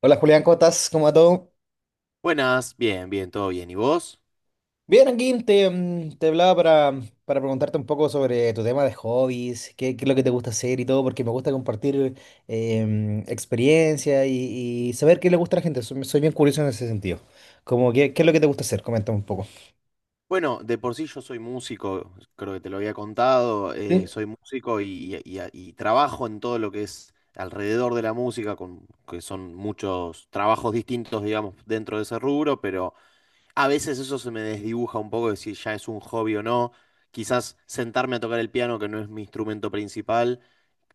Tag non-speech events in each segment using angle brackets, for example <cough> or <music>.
Hola Julián, ¿cómo estás? ¿Cómo va todo? Buenas, bien, bien, todo bien. ¿Y vos? Bien, aquí te hablaba para preguntarte un poco sobre tu tema de hobbies, qué es lo que te gusta hacer y todo, porque me gusta compartir experiencia y saber qué le gusta a la gente. Soy bien curioso en ese sentido. Como, ¿qué es lo que te gusta hacer? Coméntame un poco. Bueno, de por sí yo soy músico, creo que te lo había contado, Sí. soy músico y trabajo en todo lo que es alrededor de la música, con, que son muchos trabajos distintos, digamos, dentro de ese rubro, pero a veces eso se me desdibuja un poco de si ya es un hobby o no. Quizás sentarme a tocar el piano, que no es mi instrumento principal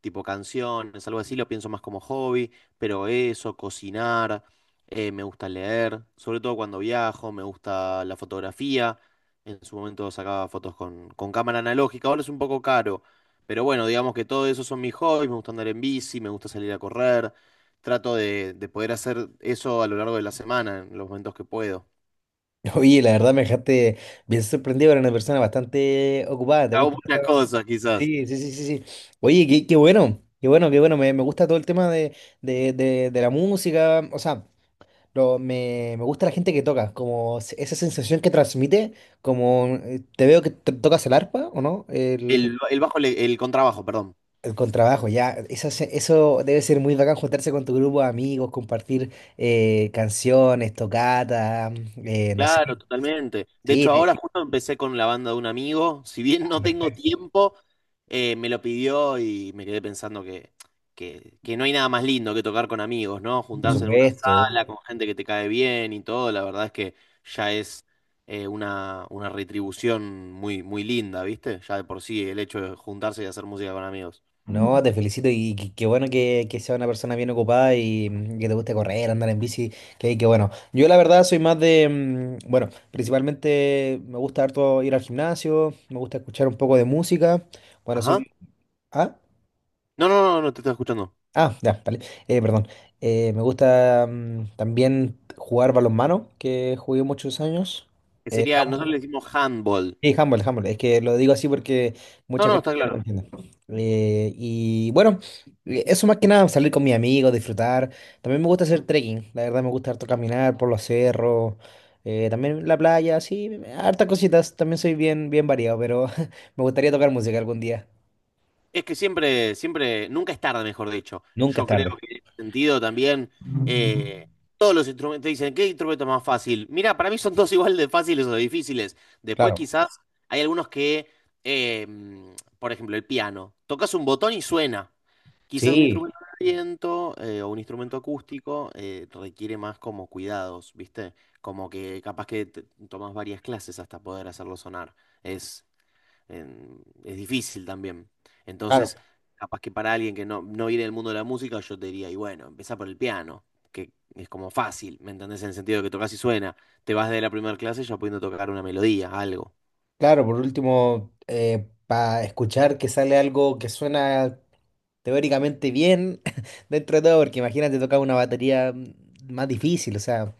tipo canciones, algo así, lo pienso más como hobby, pero eso, cocinar, me gusta leer, sobre todo cuando viajo, me gusta la fotografía, en su momento sacaba fotos con cámara analógica, ahora es un poco caro, pero bueno, digamos que todo eso son mis hobbies, me gusta andar en bici, me gusta salir a correr, trato de poder hacer eso a lo largo de la semana, en los momentos que puedo. Oye, la verdad me dejaste bien sorprendido, eres una persona bastante ocupada, ¿te Hago gusta muchas cosas, quizás. Sí, sí, sí, sí, sí. Oye, qué, qué bueno, qué bueno, qué bueno, me gusta todo el tema de la música, o sea. Pero me gusta la gente que toca, esa sensación que transmite, como te veo que tocas el arpa, ¿o no? El, El bajo, el contrabajo, perdón. el contrabajo, ya. Eso debe ser muy bacán juntarse con tu grupo de amigos, compartir canciones, tocata, no sé. Claro, totalmente. De Sí, hecho, ahora justo empecé con la banda de un amigo. Si bien ah, no tengo perfecto, tiempo, me lo pidió y me quedé pensando que no hay nada más lindo que tocar con amigos, ¿no? por Juntarse en una supuesto. sala con gente que te cae bien y todo. La verdad es que ya es una retribución muy, muy linda, ¿viste? Ya de por sí el hecho de juntarse y hacer música con amigos. No, te felicito y qué bueno que sea una persona bien ocupada y que te guste correr, andar en bici, que bueno. Yo la verdad soy más de, bueno, principalmente me gusta harto ir al gimnasio, me gusta escuchar un poco de música. Bueno, Ajá. soy. Ah, No, no, no, no te estoy escuchando. ah, ya, vale. Perdón. Me gusta también jugar balonmano, que jugué muchos años. Que sería, nosotros le decimos handball. Sí, Humble, Humble. Es que lo digo así porque No, mucha no, gente está no lo claro. entiende. Y bueno, eso más que nada, salir con mis amigos, disfrutar. También me gusta hacer trekking. La verdad me gusta harto caminar por los cerros. También la playa, sí, hartas cositas. También soy bien, bien variado, pero <laughs> me gustaría tocar música algún día. Es que siempre, siempre, nunca es tarde, mejor dicho. Nunca es Yo creo tarde. que en ese sentido también eh, todos los instrumentos te dicen, ¿qué instrumento es más fácil? Mira, para mí son todos <laughs> igual de fáciles o de difíciles. Después Claro. quizás hay algunos que, eh, mm, por ejemplo, el piano. Tocas un botón y suena. Quizás un Sí, instrumento de viento o un instrumento acústico requiere más como cuidados, ¿viste? Como que capaz que tomas varias clases hasta poder hacerlo sonar. Es es difícil también. claro. Entonces, capaz que para alguien que no, no viene del mundo de la música, yo te diría, y bueno, empezá por el piano, que es como fácil, ¿me entendés? En el sentido de que tocas y suena. Te vas de la primera clase ya pudiendo tocar una melodía, algo. Claro, por último, para escuchar que sale algo que suena teóricamente bien <laughs> dentro de todo, porque imagínate tocar una batería más difícil, o sea,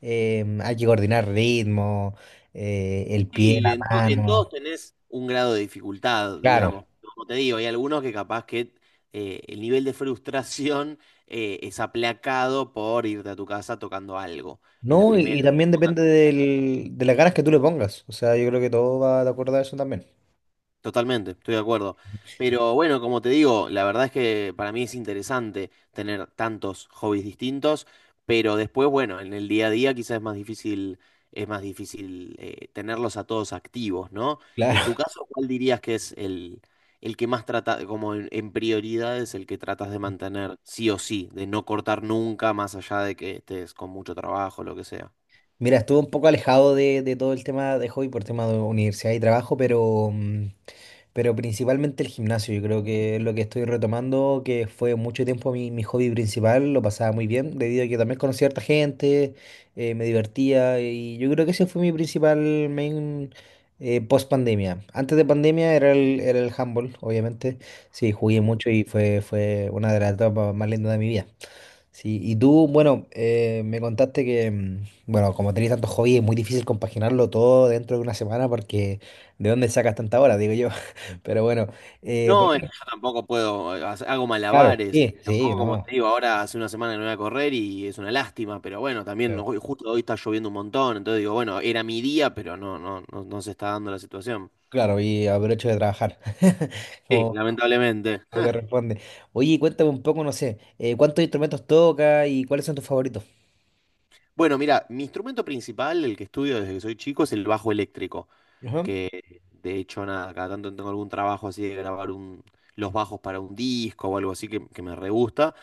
hay que coordinar ritmo, el pie, Sí, la en todos mano, tenés un grado de dificultad, claro, digamos. Como te digo, hay algunos que capaz que el nivel de frustración es aplacado por irte a tu casa tocando algo. En la ¿no? primera Y también depende del, de las ganas que tú le pongas, o sea, yo creo que todo va de acuerdo a eso también. Totalmente, estoy de acuerdo. Pero bueno, como te digo, la verdad es que para mí es interesante tener tantos hobbies distintos, pero después, bueno, en el día a día quizás es más difícil tenerlos a todos activos, ¿no? En tu Claro. caso, ¿cuál dirías que es el que más trata, como en prioridades, el que tratas de mantener sí o sí, de no cortar nunca, más allá de que estés con mucho trabajo, lo que sea? Mira, estuve un poco alejado de todo el tema de hobby por tema de universidad y trabajo, pero principalmente el gimnasio. Yo creo que es lo que estoy retomando, que fue mucho tiempo mi hobby principal, lo pasaba muy bien, debido a que también conocí a harta gente, me divertía y yo creo que ese fue mi principal main post pandemia. Antes de pandemia era el handball, obviamente. Sí, jugué mucho y fue una de las etapas más lindas de mi vida. Sí, y tú, bueno, me contaste que, bueno, como tenés tantos hobbies, es muy difícil compaginarlo todo dentro de una semana porque ¿de dónde sacas tanta hora? Digo yo. <laughs> Pero bueno, por No, es que ejemplo, yo tampoco puedo, hago claro, malabares. sí, sí, Tampoco, como no, te digo, ahora hace una semana que no voy a correr y es una lástima, pero bueno, también claro, justo hoy está lloviendo un montón, entonces digo, bueno, era mi día, pero no, no, no, no se está dando la situación. claro, y aprovecho de trabajar, <laughs> Sí, como, lamentablemente. como <laughs> corresponde. Oye, cuéntame un poco, no sé, ¿cuántos instrumentos tocas y cuáles son tus favoritos? Bueno, mira, mi instrumento principal, el que estudio desde que soy chico, es el bajo eléctrico, Ajá. que de hecho, nada, cada tanto tengo algún trabajo así de grabar un, los bajos para un disco o algo así que me re gusta.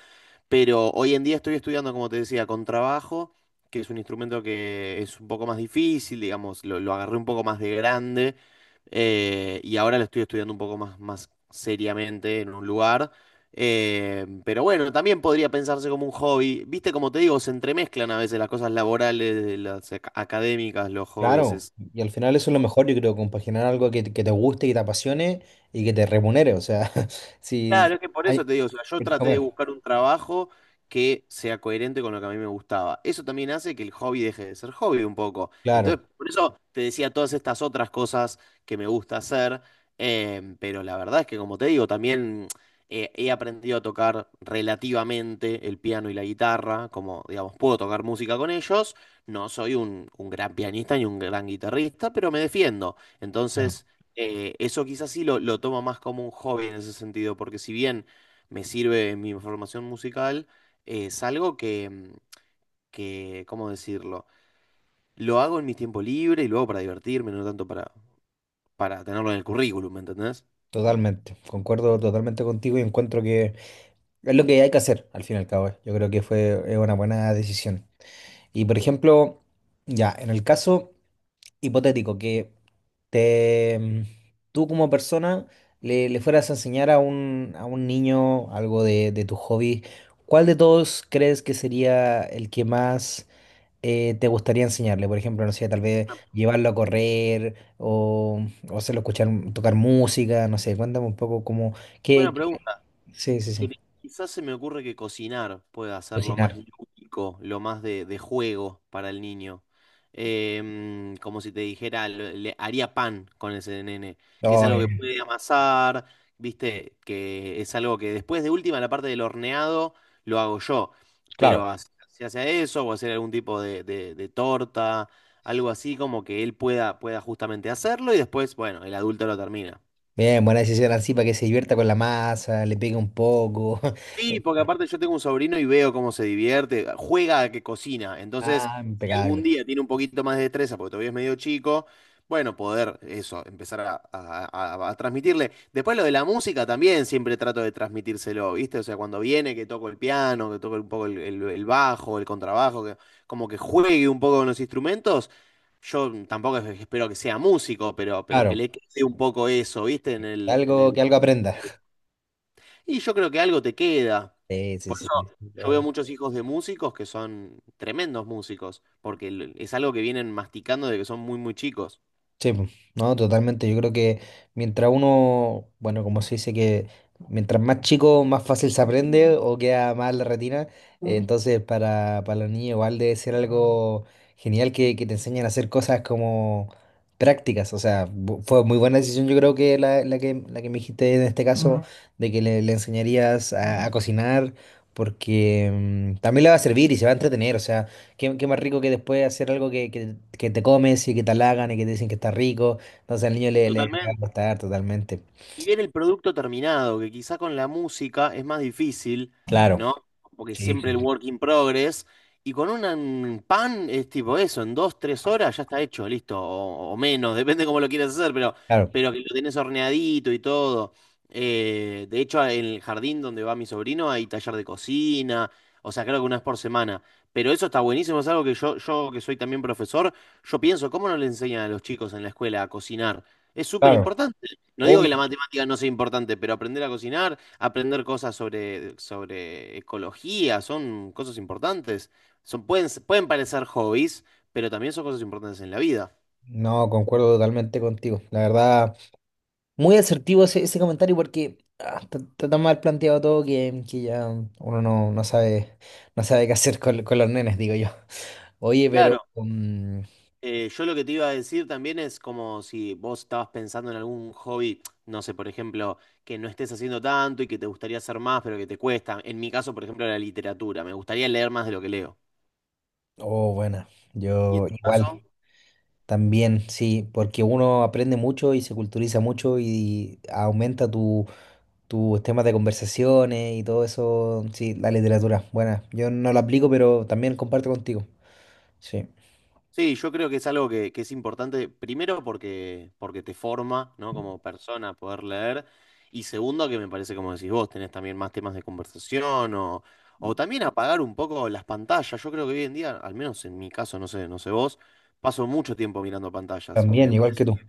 Pero hoy en día estoy estudiando, como te decía, con trabajo, que es un instrumento que es un poco más difícil, digamos, lo agarré un poco más de grande y ahora lo estoy estudiando un poco más, más seriamente en un lugar. Pero bueno, también podría pensarse como un hobby. Viste, como te digo, se entremezclan a veces las cosas laborales, las académicas, los hobbies. Claro, Es, y al final eso es lo mejor, yo creo, compaginar algo que, que te guste, que te apasione y que te remunere, o sea, <laughs> si Claro, es que por hay eso te digo, o sea, yo que traté de comer. buscar un trabajo que sea coherente con lo que a mí me gustaba. Eso también hace que el hobby deje de ser hobby un poco. Claro, Entonces, por eso te decía todas estas otras cosas que me gusta hacer, pero la verdad es que, como te digo, también he aprendido a tocar relativamente el piano y la guitarra, como, digamos, puedo tocar música con ellos. No soy un gran pianista ni un gran guitarrista, pero me defiendo. claro, Entonces... eso quizás sí lo tomo más como un hobby en ese sentido, porque si bien me sirve en mi formación musical, es algo que, que, ¿cómo decirlo? Lo hago en mis tiempos libres y luego para divertirme, no tanto para tenerlo en el currículum, ¿me entendés? totalmente. Concuerdo totalmente contigo y encuentro que es lo que hay que hacer al fin y al cabo. Yo creo que fue es una buena decisión. Y por ejemplo, ya, en el caso hipotético que te mm, tú como persona le fueras a enseñar a un niño algo de tu hobby, ¿cuál de todos crees que sería el que más te gustaría enseñarle? Por ejemplo, no sé, tal vez llevarlo a correr o hacerlo escuchar, tocar música, no sé, cuéntame un poco cómo, qué, Buena pregunta. sí, sí, Que sí, quizás se me ocurre que cocinar pueda ser lo más cocinar. lúdico, lo más de juego para el niño. Como si te dijera, le haría pan con ese nene, que es Oh, algo que bien, puede amasar, viste, que es algo que después de última, la parte del horneado, lo hago yo. claro. Pero hacia hacia eso, o hacer algún tipo de, de torta, algo así como que él pueda, pueda justamente hacerlo y después, bueno, el adulto lo termina. Bien, buena decisión así para que se divierta con la masa, le pegue un poco. <laughs> Eh, Sí, porque aparte yo tengo un sobrino y veo cómo se divierte, juega a que cocina. Entonces, Ah, si algún impecable. día tiene un poquito más de destreza, porque todavía es medio chico, bueno, poder eso, empezar a, a transmitirle. Después lo de la música también siempre trato de transmitírselo, ¿viste? O sea, cuando viene que toco el piano, que toco un poco el, el bajo, el contrabajo, que como que juegue un poco con los instrumentos. Yo tampoco espero que sea músico, pero que Claro, le quede un poco eso, ¿viste? Que En algo, el... que algo aprenda. <laughs> Y yo creo que algo te queda. Sí, sí, sí, sí, Yo veo totalmente. muchos hijos de músicos que son tremendos músicos, porque es algo que vienen masticando de que son muy, muy chicos. Sí, po. No, totalmente. Yo creo que mientras uno, bueno, como se dice que mientras más chico, más fácil se aprende o queda más en la retina. Entonces, para los niños igual debe ser algo genial que te enseñen a hacer cosas como prácticas. O sea, fue muy buena decisión, yo creo que la que me dijiste en este caso, ujú. De que le enseñarías a cocinar, porque también le va a servir y se va a entretener. O sea. Qué, qué más rico que después hacer algo que te comes y que te halagan y que te dicen que está rico. Entonces al niño le va Totalmente. a gustar totalmente. Y bien el producto terminado, que quizá con la música es más difícil, Claro, ¿no? Porque sí, sí, siempre el sí, work in progress. Y con un pan es tipo eso, en dos, tres horas ya está hecho, listo, o menos, <laughs> depende cómo lo quieras hacer, claro, pero que lo tenés horneadito y todo. De hecho, en el jardín donde va mi sobrino hay taller de cocina, o sea, creo que una vez por semana. Pero eso está buenísimo, es algo que yo que soy también profesor, yo pienso, ¿cómo no le enseñan a los chicos en la escuela a cocinar? Es súper claro. importante. No digo que la Obvio. matemática no sea importante, pero aprender a cocinar, aprender cosas sobre, sobre ecología, son cosas importantes. Son, pueden, pueden parecer hobbies, pero también son cosas importantes en la vida. No, concuerdo totalmente contigo. La verdad, muy asertivo ese comentario porque ah, está tan mal planteado todo que ya uno no sabe qué hacer con los nenes, digo yo. Oye, pero, Claro, yo lo que te iba a decir también es como si vos estabas pensando en algún hobby, no sé, por ejemplo, que no estés haciendo tanto y que te gustaría hacer más, pero que te cuesta. En mi caso, por ejemplo, la literatura. Me gustaría leer más de lo que leo. oh, bueno, ¿Y yo en tu igual. caso? También, sí, porque uno aprende mucho y se culturiza mucho y aumenta tus temas de conversaciones y todo eso. Sí, la literatura, buena. Yo no la aplico, pero también comparto contigo. Sí, Sí, yo creo que es algo que es importante, primero porque, porque te forma, ¿no? Como persona poder leer, y segundo que me parece, como decís vos, tenés también más temas de conversación o también apagar un poco las pantallas. Yo creo que hoy en día, al menos en mi caso, no sé, no sé vos, paso mucho tiempo mirando pantallas y también, me igual parece que tú.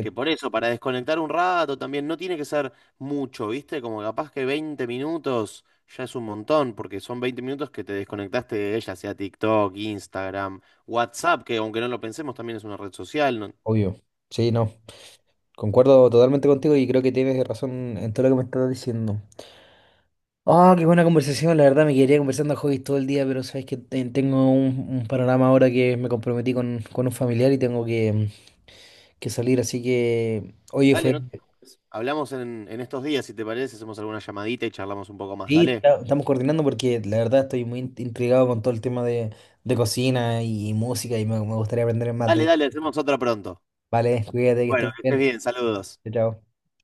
que por eso, para desconectar un rato también, no tiene que ser mucho, ¿viste? Como capaz que 20 minutos ya es un montón, porque son 20 minutos que te desconectaste de ella, sea TikTok, Instagram, WhatsApp, que aunque no lo pensemos, también es una red social. ¿No? obvio. Sí, no. Concuerdo totalmente contigo y creo que tienes razón en todo lo que me estás diciendo. Ah, qué buena conversación. La verdad me quedaría conversando a hobbies todo el día, pero sabes que tengo un panorama ahora que me comprometí con un familiar y tengo que salir. Así que, oye, Dale, fue. no te preocupes. Hablamos en estos días, si te parece, hacemos alguna llamadita y charlamos un poco más, Sí, dale. Estamos coordinando porque la verdad estoy muy intrigado con todo el tema de cocina y música y me gustaría aprender más Dale, de. dale, hacemos otra pronto. Vale, cuídate, que estés Bueno, muy que bien. estés bien, saludos. Chao. Chao.